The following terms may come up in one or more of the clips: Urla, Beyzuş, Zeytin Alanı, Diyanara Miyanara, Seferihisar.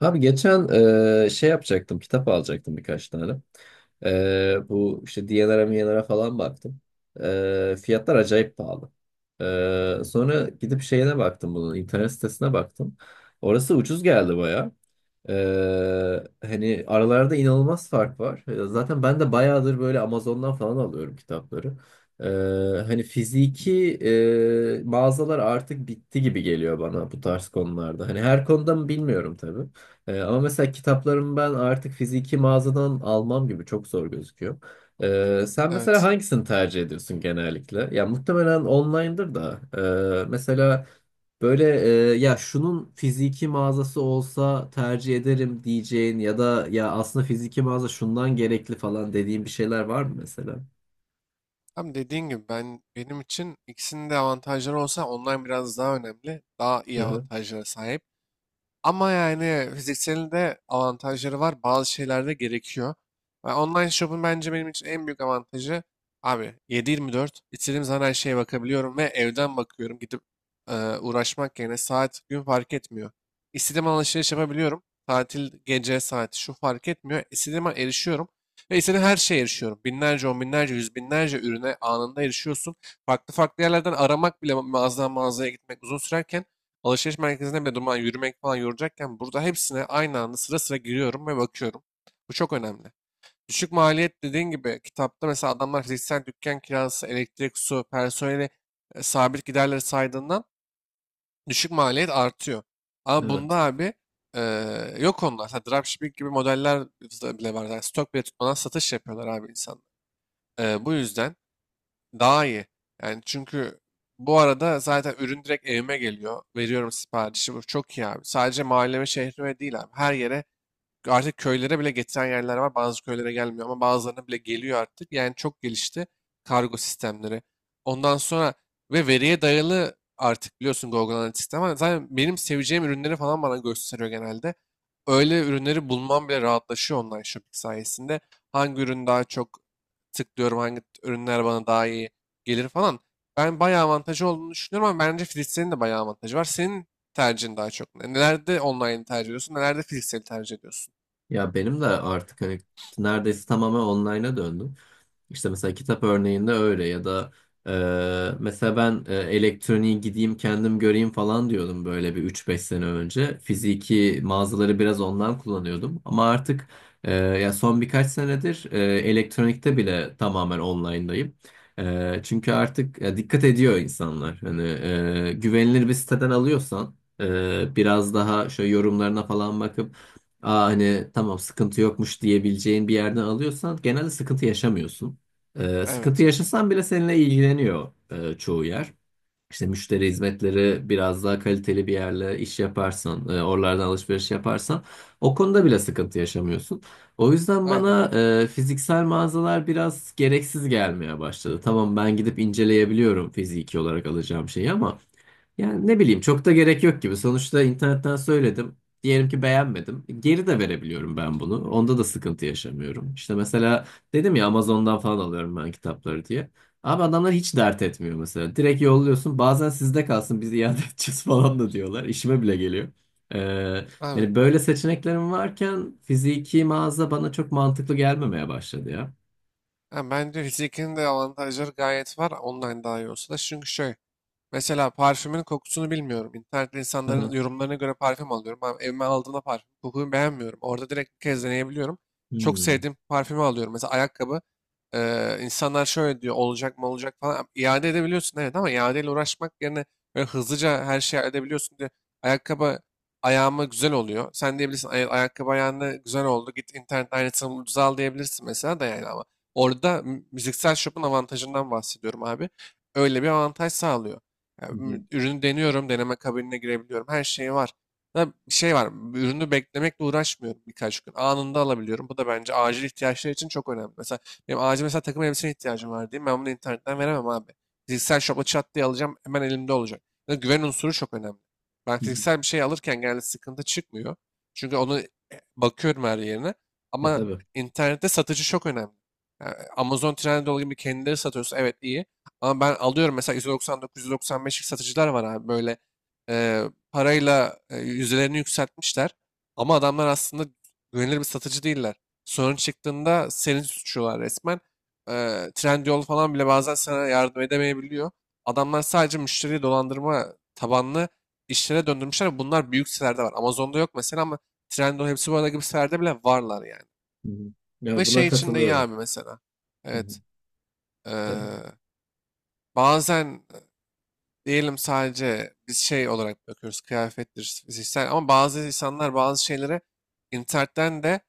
Abi geçen şey yapacaktım, kitap alacaktım birkaç tane. Bu işte Diyanara Miyanara falan baktım. Fiyatlar acayip pahalı. Sonra gidip şeyine baktım bunun, internet sitesine baktım. Orası ucuz geldi baya. E, Hani aralarda inanılmaz fark var. Zaten ben de bayağıdır böyle Amazon'dan falan alıyorum kitapları. Hani fiziki mağazalar artık bitti gibi geliyor bana bu tarz konularda. Hani her konuda mı bilmiyorum tabii. Ama mesela kitaplarımı ben artık fiziki mağazadan almam gibi çok zor gözüküyor. Sen mesela Evet. hangisini tercih ediyorsun genellikle? Ya muhtemelen online'dır da. Mesela böyle ya şunun fiziki mağazası olsa tercih ederim diyeceğin ya da ya aslında fiziki mağaza şundan gerekli falan dediğin bir şeyler var mı mesela? Tam dediğin gibi ben benim için ikisinin de avantajları olsa online biraz daha önemli. Daha iyi Hı hı. avantajlara sahip. Ama yani fizikselin de avantajları var. Bazı şeyler de gerekiyor. Ve online shop'un bence benim için en büyük avantajı abi 7-24 istediğim zaman her şeye bakabiliyorum ve evden bakıyorum. Gidip uğraşmak yerine saat gün fark etmiyor. İstediğim an alışveriş yapabiliyorum. Tatil gece saati şu fark etmiyor. İstediğim an erişiyorum. Ve istediğim her şeye erişiyorum. Binlerce, on binlerce, yüz binlerce ürüne anında erişiyorsun. Farklı farklı yerlerden aramak bile mağazadan mağazaya gitmek uzun sürerken alışveriş merkezinde bile durmadan yürümek falan yoracakken burada hepsine aynı anda sıra sıra giriyorum ve bakıyorum. Bu çok önemli. Düşük maliyet dediğin gibi kitapta mesela adamlar fiziksel dükkan kirası, elektrik, su, personeli sabit giderleri saydığından düşük maliyet artıyor. Ama bunda Evet. abi e, yok onlar. Mesela dropshipping gibi modeller bile var. Yani stok bile tutmadan satış yapıyorlar abi insanlar. Bu yüzden daha iyi. Yani çünkü bu arada zaten ürün direkt evime geliyor. Veriyorum siparişi. Bu çok iyi abi. Sadece mahalleme, şehrime değil abi. Her yere artık köylere bile getiren yerler var. Bazı köylere gelmiyor ama bazılarına bile geliyor artık. Yani çok gelişti kargo sistemleri. Ondan sonra ve veriye dayalı artık biliyorsun Google Analytics ama zaten benim seveceğim ürünleri falan bana gösteriyor genelde. Öyle ürünleri bulmam bile rahatlaşıyor online shopping sayesinde. Hangi ürün daha çok tıklıyorum, hangi ürünler bana daha iyi gelir falan. Ben bayağı avantajı olduğunu düşünüyorum ama bence Philips'in de bayağı avantajı var. Senin tercihin daha çok ne? Nelerde online tercih ediyorsun, nelerde fiziksel tercih ediyorsun? Ya benim de artık hani neredeyse tamamen online'a döndüm. İşte mesela kitap örneğinde öyle ya da mesela ben elektroniği gideyim kendim göreyim falan diyordum böyle bir üç beş sene önce. Fiziki mağazaları biraz ondan kullanıyordum ama artık ya son birkaç senedir elektronikte bile tamamen online'dayım. Çünkü artık dikkat ediyor insanlar. Hani güvenilir bir siteden alıyorsan biraz daha şöyle yorumlarına falan bakıp Aa, hani tamam sıkıntı yokmuş diyebileceğin bir yerden alıyorsan genelde sıkıntı yaşamıyorsun. Sıkıntı Evet. yaşasan bile seninle ilgileniyor çoğu yer. İşte müşteri hizmetleri biraz daha kaliteli bir yerle iş yaparsan, oralardan alışveriş yaparsan o konuda bile sıkıntı yaşamıyorsun. O yüzden Aynen. bana fiziksel mağazalar biraz gereksiz gelmeye başladı. Tamam ben gidip inceleyebiliyorum fiziki olarak alacağım şeyi ama yani ne bileyim çok da gerek yok gibi. Sonuçta internetten söyledim. Diyelim ki beğenmedim. Geri de verebiliyorum ben bunu. Onda da sıkıntı yaşamıyorum. İşte mesela dedim ya Amazon'dan falan alıyorum ben kitapları diye. Abi adamlar hiç dert etmiyor mesela. Direkt yolluyorsun. Bazen sizde kalsın biz iade edeceğiz falan da diyorlar. İşime bile geliyor. Ee, Abi. Yani böyle seçeneklerim varken fiziki mağaza bana çok mantıklı gelmemeye başladı ya. Ha, bence fizikinin de avantajları gayet var. Online daha iyi olsa da. Çünkü şöyle. Mesela parfümün kokusunu bilmiyorum. İnternette insanların Aha. yorumlarına göre parfüm alıyorum. Ama evime aldığımda parfüm kokuyu beğenmiyorum. Orada direkt bir kez deneyebiliyorum. Çok Hmm. sevdiğim parfümü alıyorum. Mesela ayakkabı insanlar şöyle diyor olacak mı olacak falan. İade edebiliyorsun evet ama iadeyle uğraşmak yerine böyle hızlıca her şeyi edebiliyorsun diye ayakkabı ayağıma güzel oluyor. Sen diyebilirsin ayakkabı ayağına güzel oldu. Git internet aynısını ucuza al" diyebilirsin mesela da yani ama. Orada müziksel shop'un avantajından bahsediyorum abi. Öyle bir avantaj sağlıyor. Ya, Hı hı. Ürünü deniyorum, deneme kabinine girebiliyorum. Her şeyi var. Ya, bir şey var, ürünü beklemekle uğraşmıyorum birkaç gün. Anında alabiliyorum. Bu da bence acil ihtiyaçlar için çok önemli. Mesela benim acil mesela takım elbiseye ihtiyacım var diyeyim. Ben bunu internetten veremem abi. Fiziksel shop'a çat diye alacağım. Hemen elimde olacak. Ya, güven unsuru çok önemli. Ben Hı hı. fiziksel bir şey alırken genelde sıkıntı çıkmıyor. Çünkü onu bakıyorum her yerine. E Ama tabii. internette satıcı çok önemli. Yani Amazon, Trendyol gibi kendileri satıyorsa evet iyi. Ama ben alıyorum mesela 199-195'lik satıcılar var abi böyle e, parayla yüzdelerini yükseltmişler. Ama adamlar aslında güvenilir bir satıcı değiller. Sorun çıktığında seni suçluyorlar resmen. E, Trendyol falan bile bazen sana yardım edemeyebiliyor. Adamlar sadece müşteriyi dolandırma tabanlı işlere döndürmüşler. Bunlar büyük sitelerde var. Amazon'da yok mesela ama Trendyol hepsi bu arada gibi sitelerde bile varlar yani. Hı hı. Ve Ya buna şey için de iyi katılıyorum. abi mesela. Hı hı. Evet. e, E, bazen diyelim sadece biz şey olarak bakıyoruz kıyafettir fiziksel ama bazı insanlar bazı şeyleri internetten de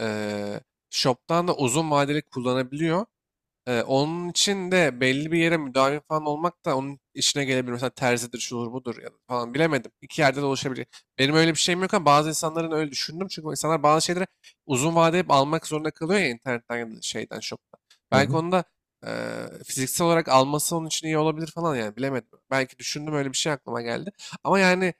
eee shop'tan da uzun vadeli kullanabiliyor. Onun için de belli bir yere müdavim falan olmak da onun işine gelebilir. Mesela terzidir, şudur budur ya da falan bilemedim. İki yerde de oluşabilir. Benim öyle bir şeyim yok ama bazı insanların öyle düşündüm. Çünkü insanlar bazı şeyleri uzun vade hep almak zorunda kalıyor ya internetten ya da şeyden, shop'tan. Belki aha. onu da fiziksel olarak alması onun için iyi olabilir falan yani bilemedim. Belki düşündüm öyle bir şey aklıma geldi. Ama yani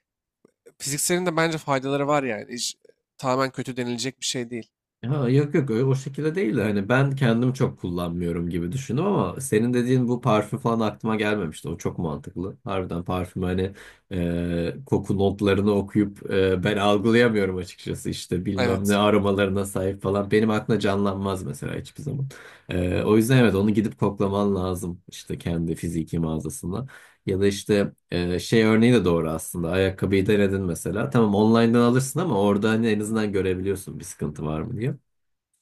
fizikselin de bence faydaları var yani. Hiç, tamamen kötü denilecek bir şey değil. Ha, yok yok öyle o şekilde değil de hani ben kendim çok kullanmıyorum gibi düşündüm ama senin dediğin bu parfüm falan aklıma gelmemişti. O çok mantıklı. Harbiden parfüm hani koku notlarını okuyup ben algılayamıyorum açıkçası işte bilmem ne Evet. aromalarına sahip falan. Benim aklımda canlanmaz mesela hiçbir zaman. O yüzden evet onu gidip koklaman lazım işte kendi fiziki mağazasında. Ya da işte şey örneği de doğru aslında. Ayakkabıyı denedin mesela. Tamam online'dan alırsın ama orada hani en azından görebiliyorsun bir sıkıntı var mı diye.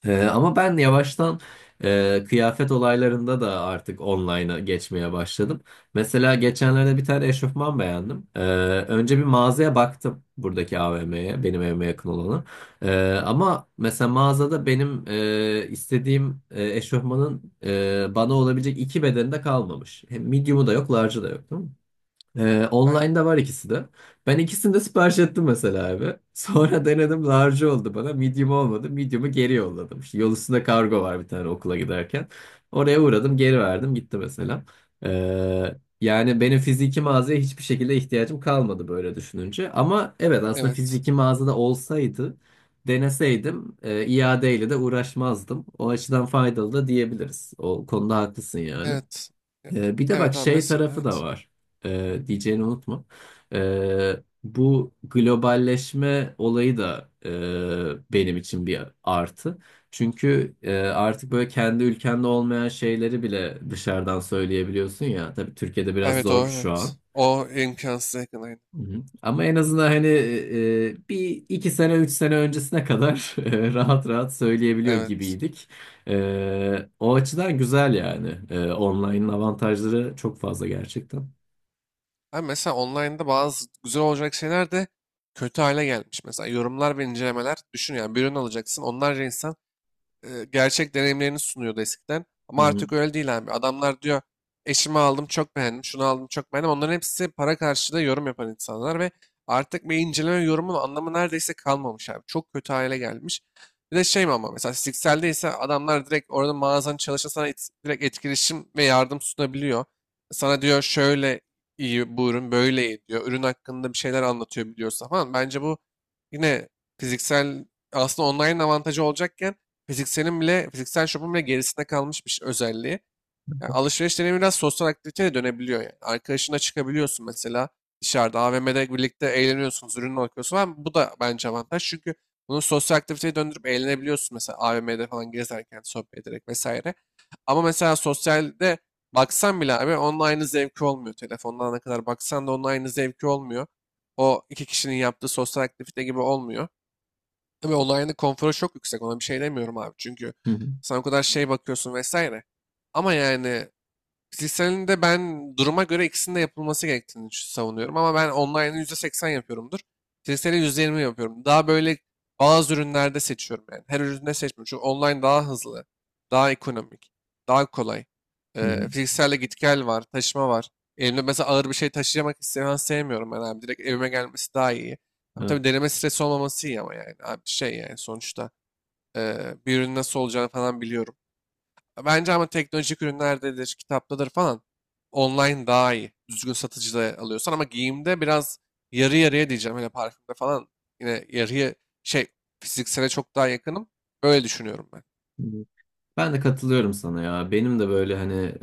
Ama ben yavaştan kıyafet olaylarında da artık online'a geçmeye başladım. Mesela geçenlerde bir tane eşofman beğendim. Önce bir mağazaya baktım buradaki AVM'ye, benim evime yakın olanı. Ama mesela mağazada benim istediğim eşofmanın bana olabilecek iki bedeni de kalmamış. Hem medium'u da yok, large'ı da yok, Aynen. online'da var ikisi de. Ben ikisini de sipariş ettim mesela abi. Sonra denedim large oldu bana. Medium olmadı. Medium'u geri yolladım. İşte yol üstünde kargo var bir tane okula giderken. Oraya uğradım geri verdim gitti mesela. Yani benim fiziki mağazaya hiçbir şekilde ihtiyacım kalmadı böyle düşününce. Ama evet aslında Evet. fiziki mağazada olsaydı deneseydim iadeyle de uğraşmazdım. O açıdan faydalı da diyebiliriz. O konuda haklısın yani. Evet. Ya- Bir de bak Evet abi şey mesela tarafı da evet. var. Diyeceğini unutma. Ee, Bu globalleşme olayı da benim için bir artı. Çünkü artık böyle kendi ülkende olmayan şeyleri bile dışarıdan söyleyebiliyorsun ya. Tabii Türkiye'de biraz Evet zor o şu an. evet. O imkansız yakın aynen. Hı hı. Ama en azından hani bir iki sene üç sene öncesine kadar rahat rahat söyleyebiliyor Evet. gibiydik. O açıdan güzel yani. Online'ın avantajları çok fazla gerçekten. Abi mesela online'da bazı güzel olacak şeyler de kötü hale gelmiş. Mesela yorumlar ve incelemeler düşün yani bir ürün alacaksın. Onlarca insan gerçek deneyimlerini sunuyordu eskiden. Hı Ama hı. artık öyle değil abi. Adamlar diyor eşimi aldım çok beğendim, şunu aldım çok beğendim. Onların hepsi para karşılığı yorum yapan insanlar ve artık bir inceleme yorumun anlamı neredeyse kalmamış abi. Çok kötü hale gelmiş. Bir de şey mi ama mesela Sixel'de ise adamlar direkt orada mağazanın çalışan sana direkt etkileşim ve yardım sunabiliyor. Sana diyor şöyle iyi bu ürün böyle iyi diyor. Ürün hakkında bir şeyler anlatıyor biliyorsa falan. Bence bu yine fiziksel aslında online avantajı olacakken fizikselin bile, fiziksel şopun bile gerisinde kalmış bir özelliği. Yani alışveriş deneyimi biraz sosyal aktiviteye de dönebiliyor yani. Arkadaşına çıkabiliyorsun mesela dışarıda AVM'de birlikte eğleniyorsunuz, ürünü bakıyorsun. Ama bu da bence avantaj çünkü bunu sosyal aktiviteye döndürüp eğlenebiliyorsun mesela AVM'de falan gezerken sohbet ederek vesaire. Ama mesela sosyalde baksan bile abi onun aynı zevki olmuyor. Telefondan ne kadar baksan da onun aynı zevki olmuyor. O iki kişinin yaptığı sosyal aktivite gibi olmuyor. Tabii online'ın konforu çok yüksek. Ona bir şey demiyorum abi. Çünkü Hı hı. sen o kadar şey bakıyorsun vesaire. Ama yani fiziksel de ben duruma göre ikisinin de yapılması gerektiğini savunuyorum ama ben online'ı %80 yapıyorumdur. Fiziksel'i %20 yapıyorum. Daha böyle bazı ürünlerde seçiyorum yani. Her üründe seçmiyorum. Çünkü online daha hızlı, daha ekonomik, daha kolay. Hı hı. Fizikselde git gel var, taşıma var. Elimde mesela ağır bir şey taşıyamak istemem sevmiyorum ben abi. Direkt evime gelmesi daha iyi. Ama tabii Evet. deneme stresi olmaması iyi ama yani. Abi şey yani sonuçta e, bir ürün nasıl olacağını falan biliyorum. Bence ama teknolojik ürünlerdedir, kitaptadır falan. Online daha iyi. Düzgün satıcıda alıyorsan ama giyimde biraz yarı yarıya diyeceğim. Hele parfümde falan yine yarıya şey fiziksele çok daha yakınım. Öyle düşünüyorum ben. Ben de katılıyorum sana ya. Benim de böyle hani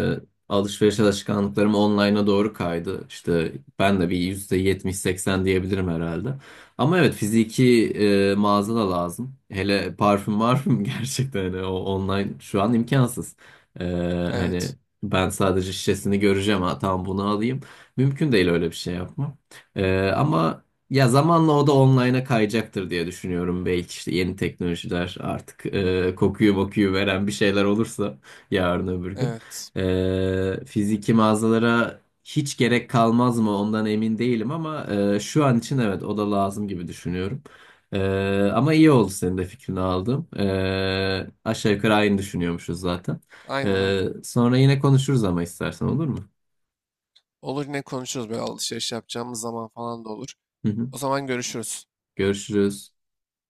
alışveriş alışkanlıklarım online'a doğru kaydı. İşte ben de bir 70 seksen diyebilirim herhalde. Ama evet fiziki mağaza da lazım. Hele parfüm parfüm gerçekten hani o online şu an imkansız. E, Hani Evet. ben sadece şişesini göreceğim ha tamam bunu alayım. Mümkün değil öyle bir şey yapmam. Ama ya zamanla o da online'a kayacaktır diye düşünüyorum. Belki işte yeni teknolojiler artık kokuyu mokuyu veren bir şeyler olursa yarın öbür gün. Evet. Fiziki mağazalara hiç gerek kalmaz mı ondan emin değilim ama şu an için evet o da lazım gibi düşünüyorum. E, Ama iyi oldu senin de fikrini aldım. Aşağı yukarı aynı düşünüyormuşuz zaten. Aynen aynen. Sonra yine konuşuruz ama istersen olur mu? Olur yine konuşuruz böyle alışveriş yapacağımız zaman falan da olur. Hı hı. O zaman görüşürüz. Görüşürüz.